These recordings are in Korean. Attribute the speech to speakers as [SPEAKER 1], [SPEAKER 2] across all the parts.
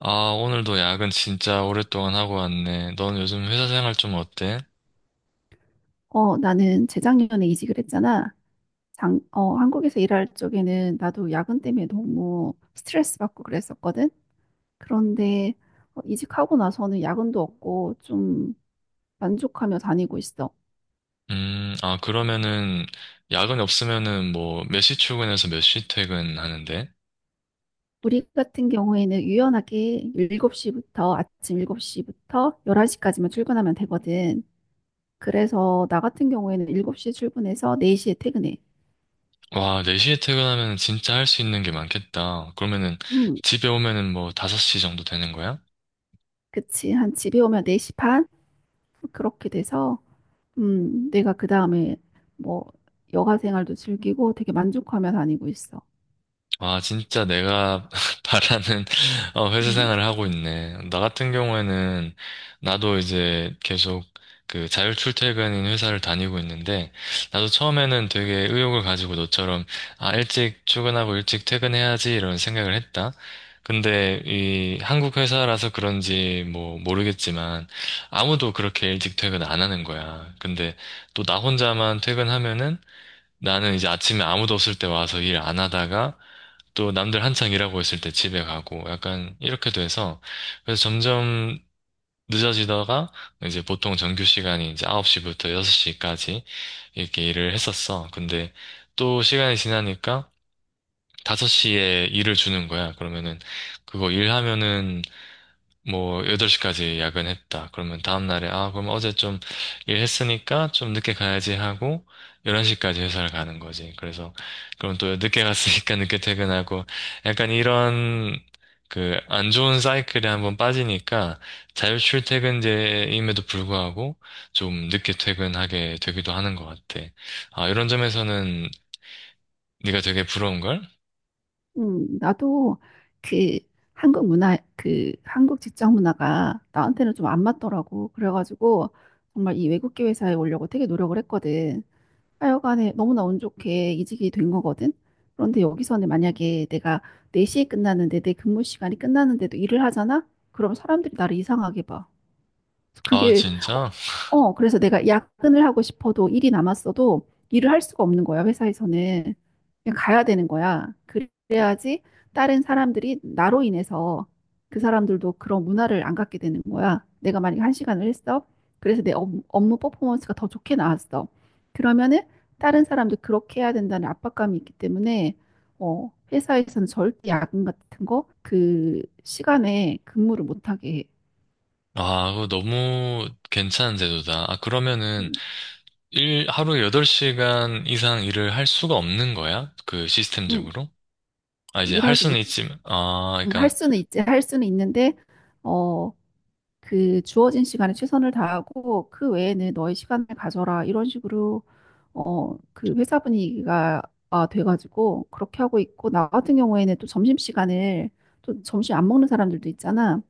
[SPEAKER 1] 아, 오늘도 야근 진짜 오랫동안 하고 왔네. 넌 요즘 회사 생활 좀 어때?
[SPEAKER 2] 나는 재작년에 이직을 했잖아. 한국에서 일할 적에는 나도 야근 때문에 너무 스트레스 받고 그랬었거든. 그런데 이직하고 나서는 야근도 없고 좀 만족하며 다니고 있어.
[SPEAKER 1] 아, 그러면은, 야근 없으면은 뭐, 몇 시 출근해서 몇 시 퇴근하는데?
[SPEAKER 2] 우리 같은 경우에는 유연하게 7시부터 아침 7시부터 11시까지만 출근하면 되거든. 그래서 나 같은 경우에는 7시에 출근해서 4시에 퇴근해.
[SPEAKER 1] 와, 4시에 퇴근하면 진짜 할 수 있는 게 많겠다. 그러면은,
[SPEAKER 2] 음,
[SPEAKER 1] 집에 오면은 뭐, 5시 정도 되는 거야?
[SPEAKER 2] 그치. 한 집에 오면 4시 반? 그렇게 돼서 내가 그 다음에 뭐 여가 생활도 즐기고 되게 만족하며 다니고 있어.
[SPEAKER 1] 아, 진짜 내가 바라는 회사
[SPEAKER 2] 음,
[SPEAKER 1] 생활을 하고 있네. 나 같은 경우에는 나도 이제 계속 그 자율 출퇴근인 회사를 다니고 있는데 나도 처음에는 되게 의욕을 가지고 너처럼 아, 일찍 출근하고 일찍 퇴근해야지 이런 생각을 했다. 근데 이 한국 회사라서 그런지 뭐 모르겠지만 아무도 그렇게 일찍 퇴근 안 하는 거야. 근데 또 나 혼자만 퇴근하면은 나는 이제 아침에 아무도 없을 때 와서 일 안 하다가 또 남들 한창 일하고 있을 때 집에 가고 약간 이렇게 돼서 그래서 점점 늦어지다가 이제 보통 정규 시간이 이제 9시부터 6시까지 이렇게 일을 했었어. 근데 또 시간이 지나니까 5시에 일을 주는 거야. 그러면은 그거 일하면은 뭐 8시까지 야근했다. 그러면 다음날에 아, 그럼 어제 좀 일했으니까 좀 늦게 가야지 하고 11시까지 회사를 가는 거지. 그래서 그럼 또 늦게 갔으니까 늦게 퇴근하고 약간 이런 그 안 좋은 사이클에 한번 빠지니까 자율 출퇴근제임에도 불구하고 좀 늦게 퇴근하게 되기도 하는 것 같아. 아, 이런 점에서는 네가 되게 부러운 걸?
[SPEAKER 2] 나도 그 한국 문화, 그 한국 직장 문화가 나한테는 좀 안 맞더라고. 그래가지고 정말 이 외국계 회사에 오려고 되게 노력을 했거든. 하여간에 너무나 운 좋게 이직이 된 거거든. 그런데 여기서는 만약에 내가 4시에 끝나는데 내 근무 시간이 끝나는데도 일을 하잖아? 그럼 사람들이 나를 이상하게 봐.
[SPEAKER 1] 아,
[SPEAKER 2] 그게 어
[SPEAKER 1] 진짜?
[SPEAKER 2] 그래서 내가 야근을 하고 싶어도 일이 남았어도 일을 할 수가 없는 거야. 회사에서는 그냥 가야 되는 거야. 그래야지 다른 사람들이 나로 인해서 그 사람들도 그런 문화를 안 갖게 되는 거야. 내가 만약에 한 시간을 했어. 그래서 내 업무 퍼포먼스가 더 좋게 나왔어. 그러면은 다른 사람도 그렇게 해야 된다는 압박감이 있기 때문에 회사에서는 절대 야근 같은 거 그 시간에 근무를 못하게 해.
[SPEAKER 1] 아, 그거 너무 괜찮은 제도다. 아, 그러면은
[SPEAKER 2] 음,
[SPEAKER 1] 일, 하루에 8시간 이상 일을 할 수가 없는 거야? 그
[SPEAKER 2] 음.
[SPEAKER 1] 시스템적으로? 아, 이제 할
[SPEAKER 2] 일하지
[SPEAKER 1] 수는
[SPEAKER 2] 못,
[SPEAKER 1] 있지만, 아,
[SPEAKER 2] 할
[SPEAKER 1] 그러니까,
[SPEAKER 2] 수는 있지, 할 수는 있는데, 어, 그 주어진 시간에 최선을 다하고, 그 외에는 너의 시간을 가져라. 이런 식으로, 그 회사 분위기가 아, 돼가지고, 그렇게 하고 있고, 나 같은 경우에는 또 점심시간을, 또 점심 안 먹는 사람들도 있잖아.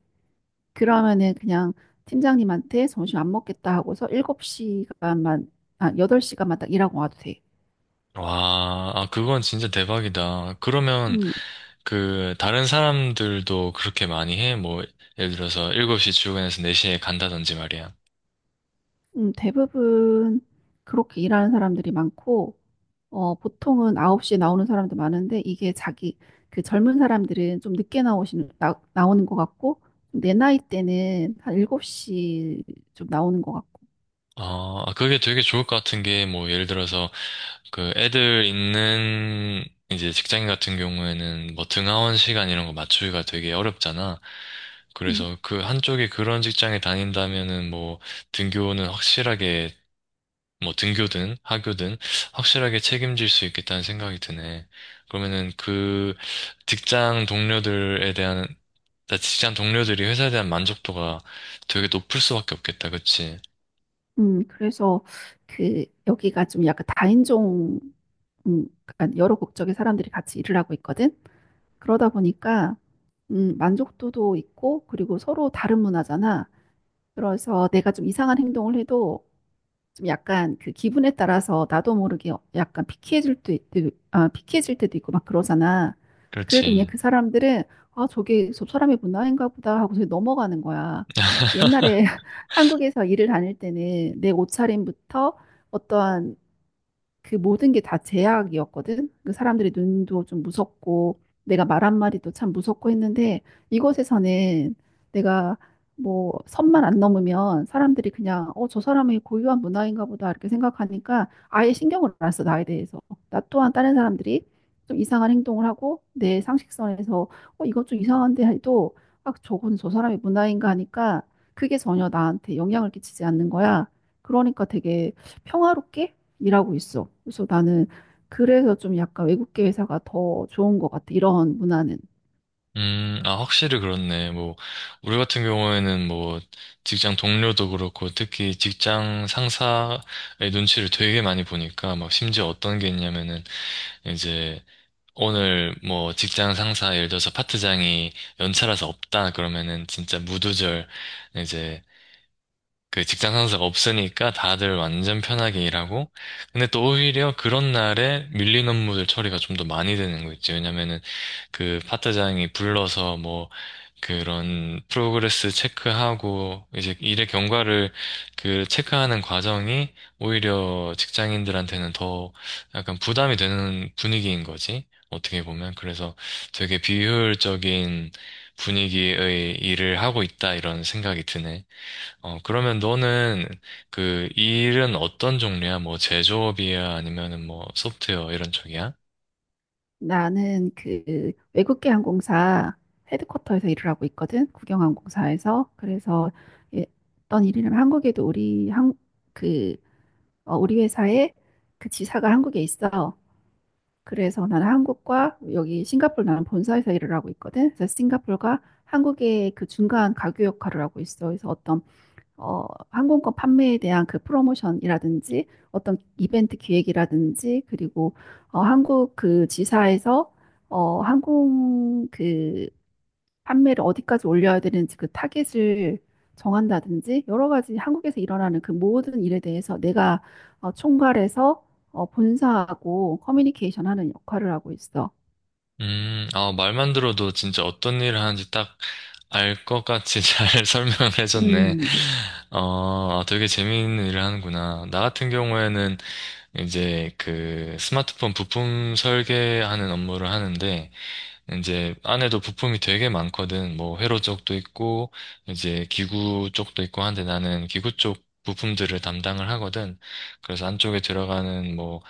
[SPEAKER 2] 그러면은 그냥 팀장님한테 점심 안 먹겠다 하고서 8시간만 딱 일하고 와도 돼.
[SPEAKER 1] 와, 아, 그건 진짜 대박이다. 그러면,
[SPEAKER 2] 음,
[SPEAKER 1] 그, 다른 사람들도 그렇게 많이 해? 뭐, 예를 들어서 7시 출근해서 4시에 간다든지 말이야.
[SPEAKER 2] 대부분 그렇게 일하는 사람들이 많고, 보통은 9시에 나오는 사람도 많은데 이게 자기 그 젊은 사람들은 좀 늦게 나오는 것 같고, 내 나이 때는 한 7시 좀 나오는 것 같고.
[SPEAKER 1] 아, 그게 되게 좋을 것 같은 게, 뭐, 예를 들어서, 그 애들 있는 이제 직장인 같은 경우에는 뭐 등하원 시간 이런 거 맞추기가 되게 어렵잖아.
[SPEAKER 2] 음,
[SPEAKER 1] 그래서 그 한쪽에 그런 직장에 다닌다면은 뭐 등교는 확실하게 뭐 등교든 하교든 확실하게 책임질 수 있겠다는 생각이 드네. 그러면은 그 직장 동료들에 대한 직장 동료들이 회사에 대한 만족도가 되게 높을 수밖에 없겠다. 그치?
[SPEAKER 2] 그래서 그 여기가 좀 약간 다인종, 약간 여러 국적의 사람들이 같이 일을 하고 있거든. 그러다 보니까 만족도도 있고, 그리고 서로 다른 문화잖아. 그래서 내가 좀 이상한 행동을 해도 좀 약간 그 기분에 따라서 나도 모르게 약간 피키해질 때도 있고 막 그러잖아. 그래도 그냥
[SPEAKER 1] 그렇지.
[SPEAKER 2] 그 사람들은 아, 저게 저 사람의 문화인가 보다 하고 서 넘어가는 거야. 옛날에 한국에서 일을 다닐 때는 내 옷차림부터 어떠한 그 모든 게 다 제약이었거든. 그 사람들의 눈도 좀 무섭고 내가 말 한마디도 참 무섭고 했는데, 이곳에서는 내가 뭐 선만 안 넘으면 사람들이 그냥 저 사람이 고유한 문화인가 보다 이렇게 생각하니까 아예 신경을 안 써, 나에 대해서. 나 또한 다른 사람들이 좀 이상한 행동을 하고 내 상식선에서 이건 좀 이상한데 해도 아, 저건 저 사람의 문화인가 하니까 그게 전혀 나한테 영향을 끼치지 않는 거야. 그러니까 되게 평화롭게 일하고 있어. 그래서 나는, 그래서 좀 약간 외국계 회사가 더 좋은 것 같아. 이런 문화는.
[SPEAKER 1] 아, 확실히 그렇네. 뭐, 우리 같은 경우에는 뭐, 직장 동료도 그렇고, 특히 직장 상사의 눈치를 되게 많이 보니까, 막, 심지어 어떤 게 있냐면은, 이제, 오늘 뭐, 직장 상사, 예를 들어서 파트장이 연차라서 없다, 그러면은, 진짜 무두절, 이제, 그 직장 상사가 없으니까 다들 완전 편하게 일하고, 근데 또 오히려 그런 날에 밀린 업무들 처리가 좀 더 많이 되는 거 있지. 왜냐면은, 그 파트장이 불러서 뭐 그런 프로그레스 체크하고 이제 일의 경과를 그 체크하는 과정이 오히려 직장인들한테는 더 약간 부담이 되는 분위기인 거지. 어떻게 보면. 그래서 되게 비효율적인 분위기의 일을 하고 있다 이런 생각이 드네. 그러면 너는 그 일은 어떤 종류야? 뭐 제조업이야? 아니면은 뭐 소프트웨어 이런 쪽이야?
[SPEAKER 2] 나는 그 외국계 항공사 헤드쿼터에서 일을 하고 있거든. 국영항공사에서. 그래서 예, 어떤 일이냐면 한국에도 우리 항, 그, 어, 우리 회사의 그 지사가 한국에 있어. 그래서 나는 한국과 여기 싱가포르, 나는 본사에서 일을 하고 있거든. 그래서 싱가포르가 한국의 그 중간 가교 역할을 하고 있어. 그래서 어떤 어, 항공권 판매에 대한 그 프로모션이라든지, 어떤 이벤트 기획이라든지, 그리고 한국 그 지사에서 어, 항공 그 판매를 어디까지 올려야 되는지 그 타겟을 정한다든지, 여러 가지 한국에서 일어나는 그 모든 일에 대해서 내가 총괄해서 본사하고 커뮤니케이션 하는 역할을 하고 있어.
[SPEAKER 1] 아, 말만 들어도 진짜 어떤 일을 하는지 딱 알 것 같이 잘 설명을 해줬네.
[SPEAKER 2] 음,
[SPEAKER 1] 아, 되게 재미있는 일을 하는구나. 나 같은 경우에는 이제 그 스마트폰 부품 설계하는 업무를 하는데, 이제 안에도 부품이 되게 많거든. 뭐 회로 쪽도 있고, 이제 기구 쪽도 있고 한데 나는 기구 쪽 부품들을 담당을 하거든. 그래서 안쪽에 들어가는 뭐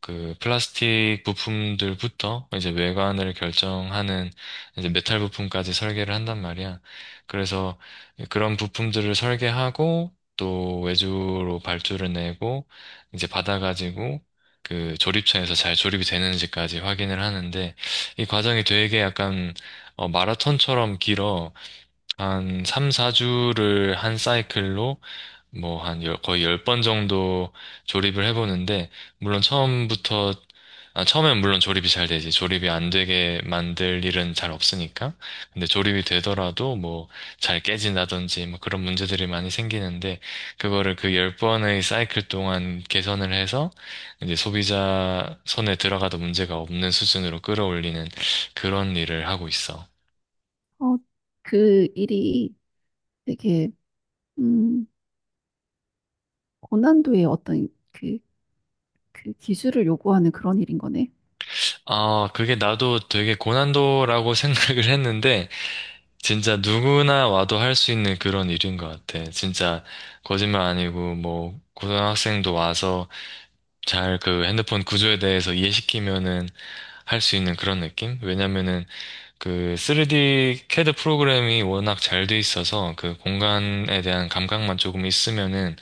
[SPEAKER 1] 그 플라스틱 부품들부터 이제 외관을 결정하는 이제 메탈 부품까지 설계를 한단 말이야. 그래서 그런 부품들을 설계하고 또 외주로 발주를 내고 이제 받아가지고 그 조립처에서 잘 조립이 되는지까지 확인을 하는데 이 과정이 되게 약간 마라톤처럼 길어. 한 3, 4주를 한 사이클로 뭐, 거의 열 번 정도 조립을 해보는데, 물론 처음부터, 아, 처음엔 물론 조립이 잘 되지. 조립이 안 되게 만들 일은 잘 없으니까. 근데 조립이 되더라도 뭐, 잘 깨진다든지, 뭐 그런 문제들이 많이 생기는데, 그거를 그 열번의 사이클 동안 개선을 해서, 이제 소비자 손에 들어가도 문제가 없는 수준으로 끌어올리는 그런 일을 하고 있어.
[SPEAKER 2] 어, 그 일이 되게 음, 고난도의 어떤 그 기술을 요구하는 그런 일인 거네.
[SPEAKER 1] 아, 그게 나도 되게 고난도라고 생각을 했는데, 진짜 누구나 와도 할 수 있는 그런 일인 것 같아. 진짜 거짓말 아니고 뭐 고등학생도 와서 잘 그 핸드폰 구조에 대해서 이해시키면은 할 수 있는 그런 느낌? 왜냐면은 그 3D CAD 프로그램이 워낙 잘 돼 있어서 그 공간에 대한 감각만 조금 있으면은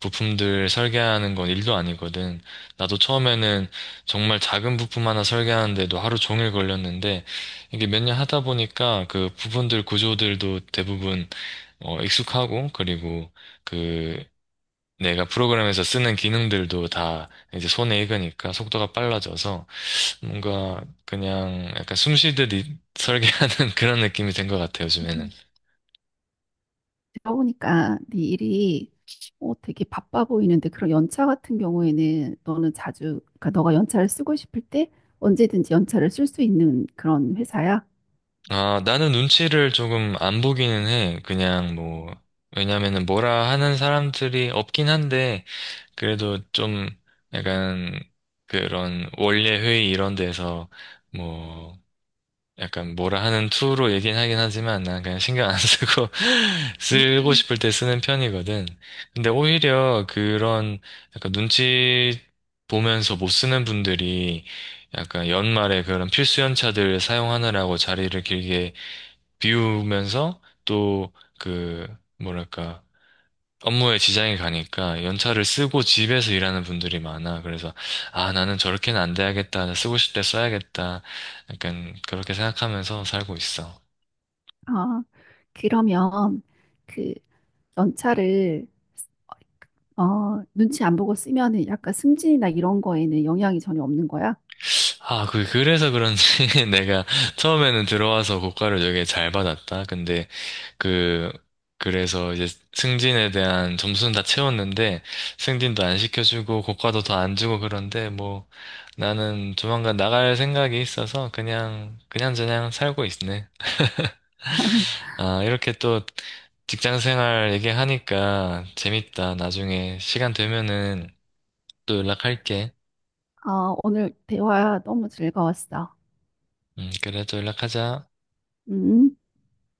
[SPEAKER 1] 부품들 설계하는 건 일도 아니거든. 나도 처음에는 정말 작은 부품 하나 설계하는데도 하루 종일 걸렸는데 이게 몇 년 하다 보니까 그 부분들 구조들도 대부분 익숙하고 그리고 그 내가 프로그램에서 쓰는 기능들도 다 이제 손에 익으니까 속도가 빨라져서 뭔가 그냥 약간 숨 쉬듯이 설계하는 그런 느낌이 된 것 같아요, 요즘에는.
[SPEAKER 2] 음. 제가 보니까 네 일이 되게 바빠 보이는데, 그런 연차 같은 경우에는 너는 자주, 그러니까 너가 연차를 쓰고 싶을 때 언제든지 연차를 쓸 수 있는 그런 회사야?
[SPEAKER 1] 아, 나는 눈치를 조금 안 보기는 해. 그냥 뭐, 왜냐면은 뭐라 하는 사람들이 없긴 한데, 그래도 좀 약간 그런 원래 회의 이런 데서 뭐, 약간 뭐라 하는 투로 얘기는 하긴 하지만 난 그냥 신경 안 쓰고 쓰고
[SPEAKER 2] 음.
[SPEAKER 1] 싶을 때 쓰는 편이거든. 근데 오히려 그런 약간 눈치 보면서 못 쓰는 분들이 약간 연말에 그런 필수 연차들 사용하느라고 자리를 길게 비우면서 또 그 뭐랄까 업무에 지장이 가니까 연차를 쓰고 집에서 일하는 분들이 많아. 그래서, 아, 나는 저렇게는 안 돼야겠다. 쓰고 싶을 때 써야겠다. 약간 그렇게 생각하면서 살고 있어.
[SPEAKER 2] 아, 그러면 그 연차를 눈치 안 보고 쓰면은 약간 승진이나 이런 거에는 영향이 전혀 없는 거야?
[SPEAKER 1] 아, 그래서 그런지 내가 처음에는 들어와서 고과를 되게 잘 받았다. 근데 그, 그래서 이제 승진에 대한 점수는 다 채웠는데 승진도 안 시켜주고 고과도 더 안 주고 그런데 뭐 나는 조만간 나갈 생각이 있어서 그냥, 그냥저냥 살고 있네. 아, 이렇게 또 직장 생활 얘기하니까 재밌다. 나중에 시간 되면은 또 연락할게.
[SPEAKER 2] 아, 오늘 대화 너무 즐거웠어.
[SPEAKER 1] 그래, 또 연락하자.
[SPEAKER 2] 음.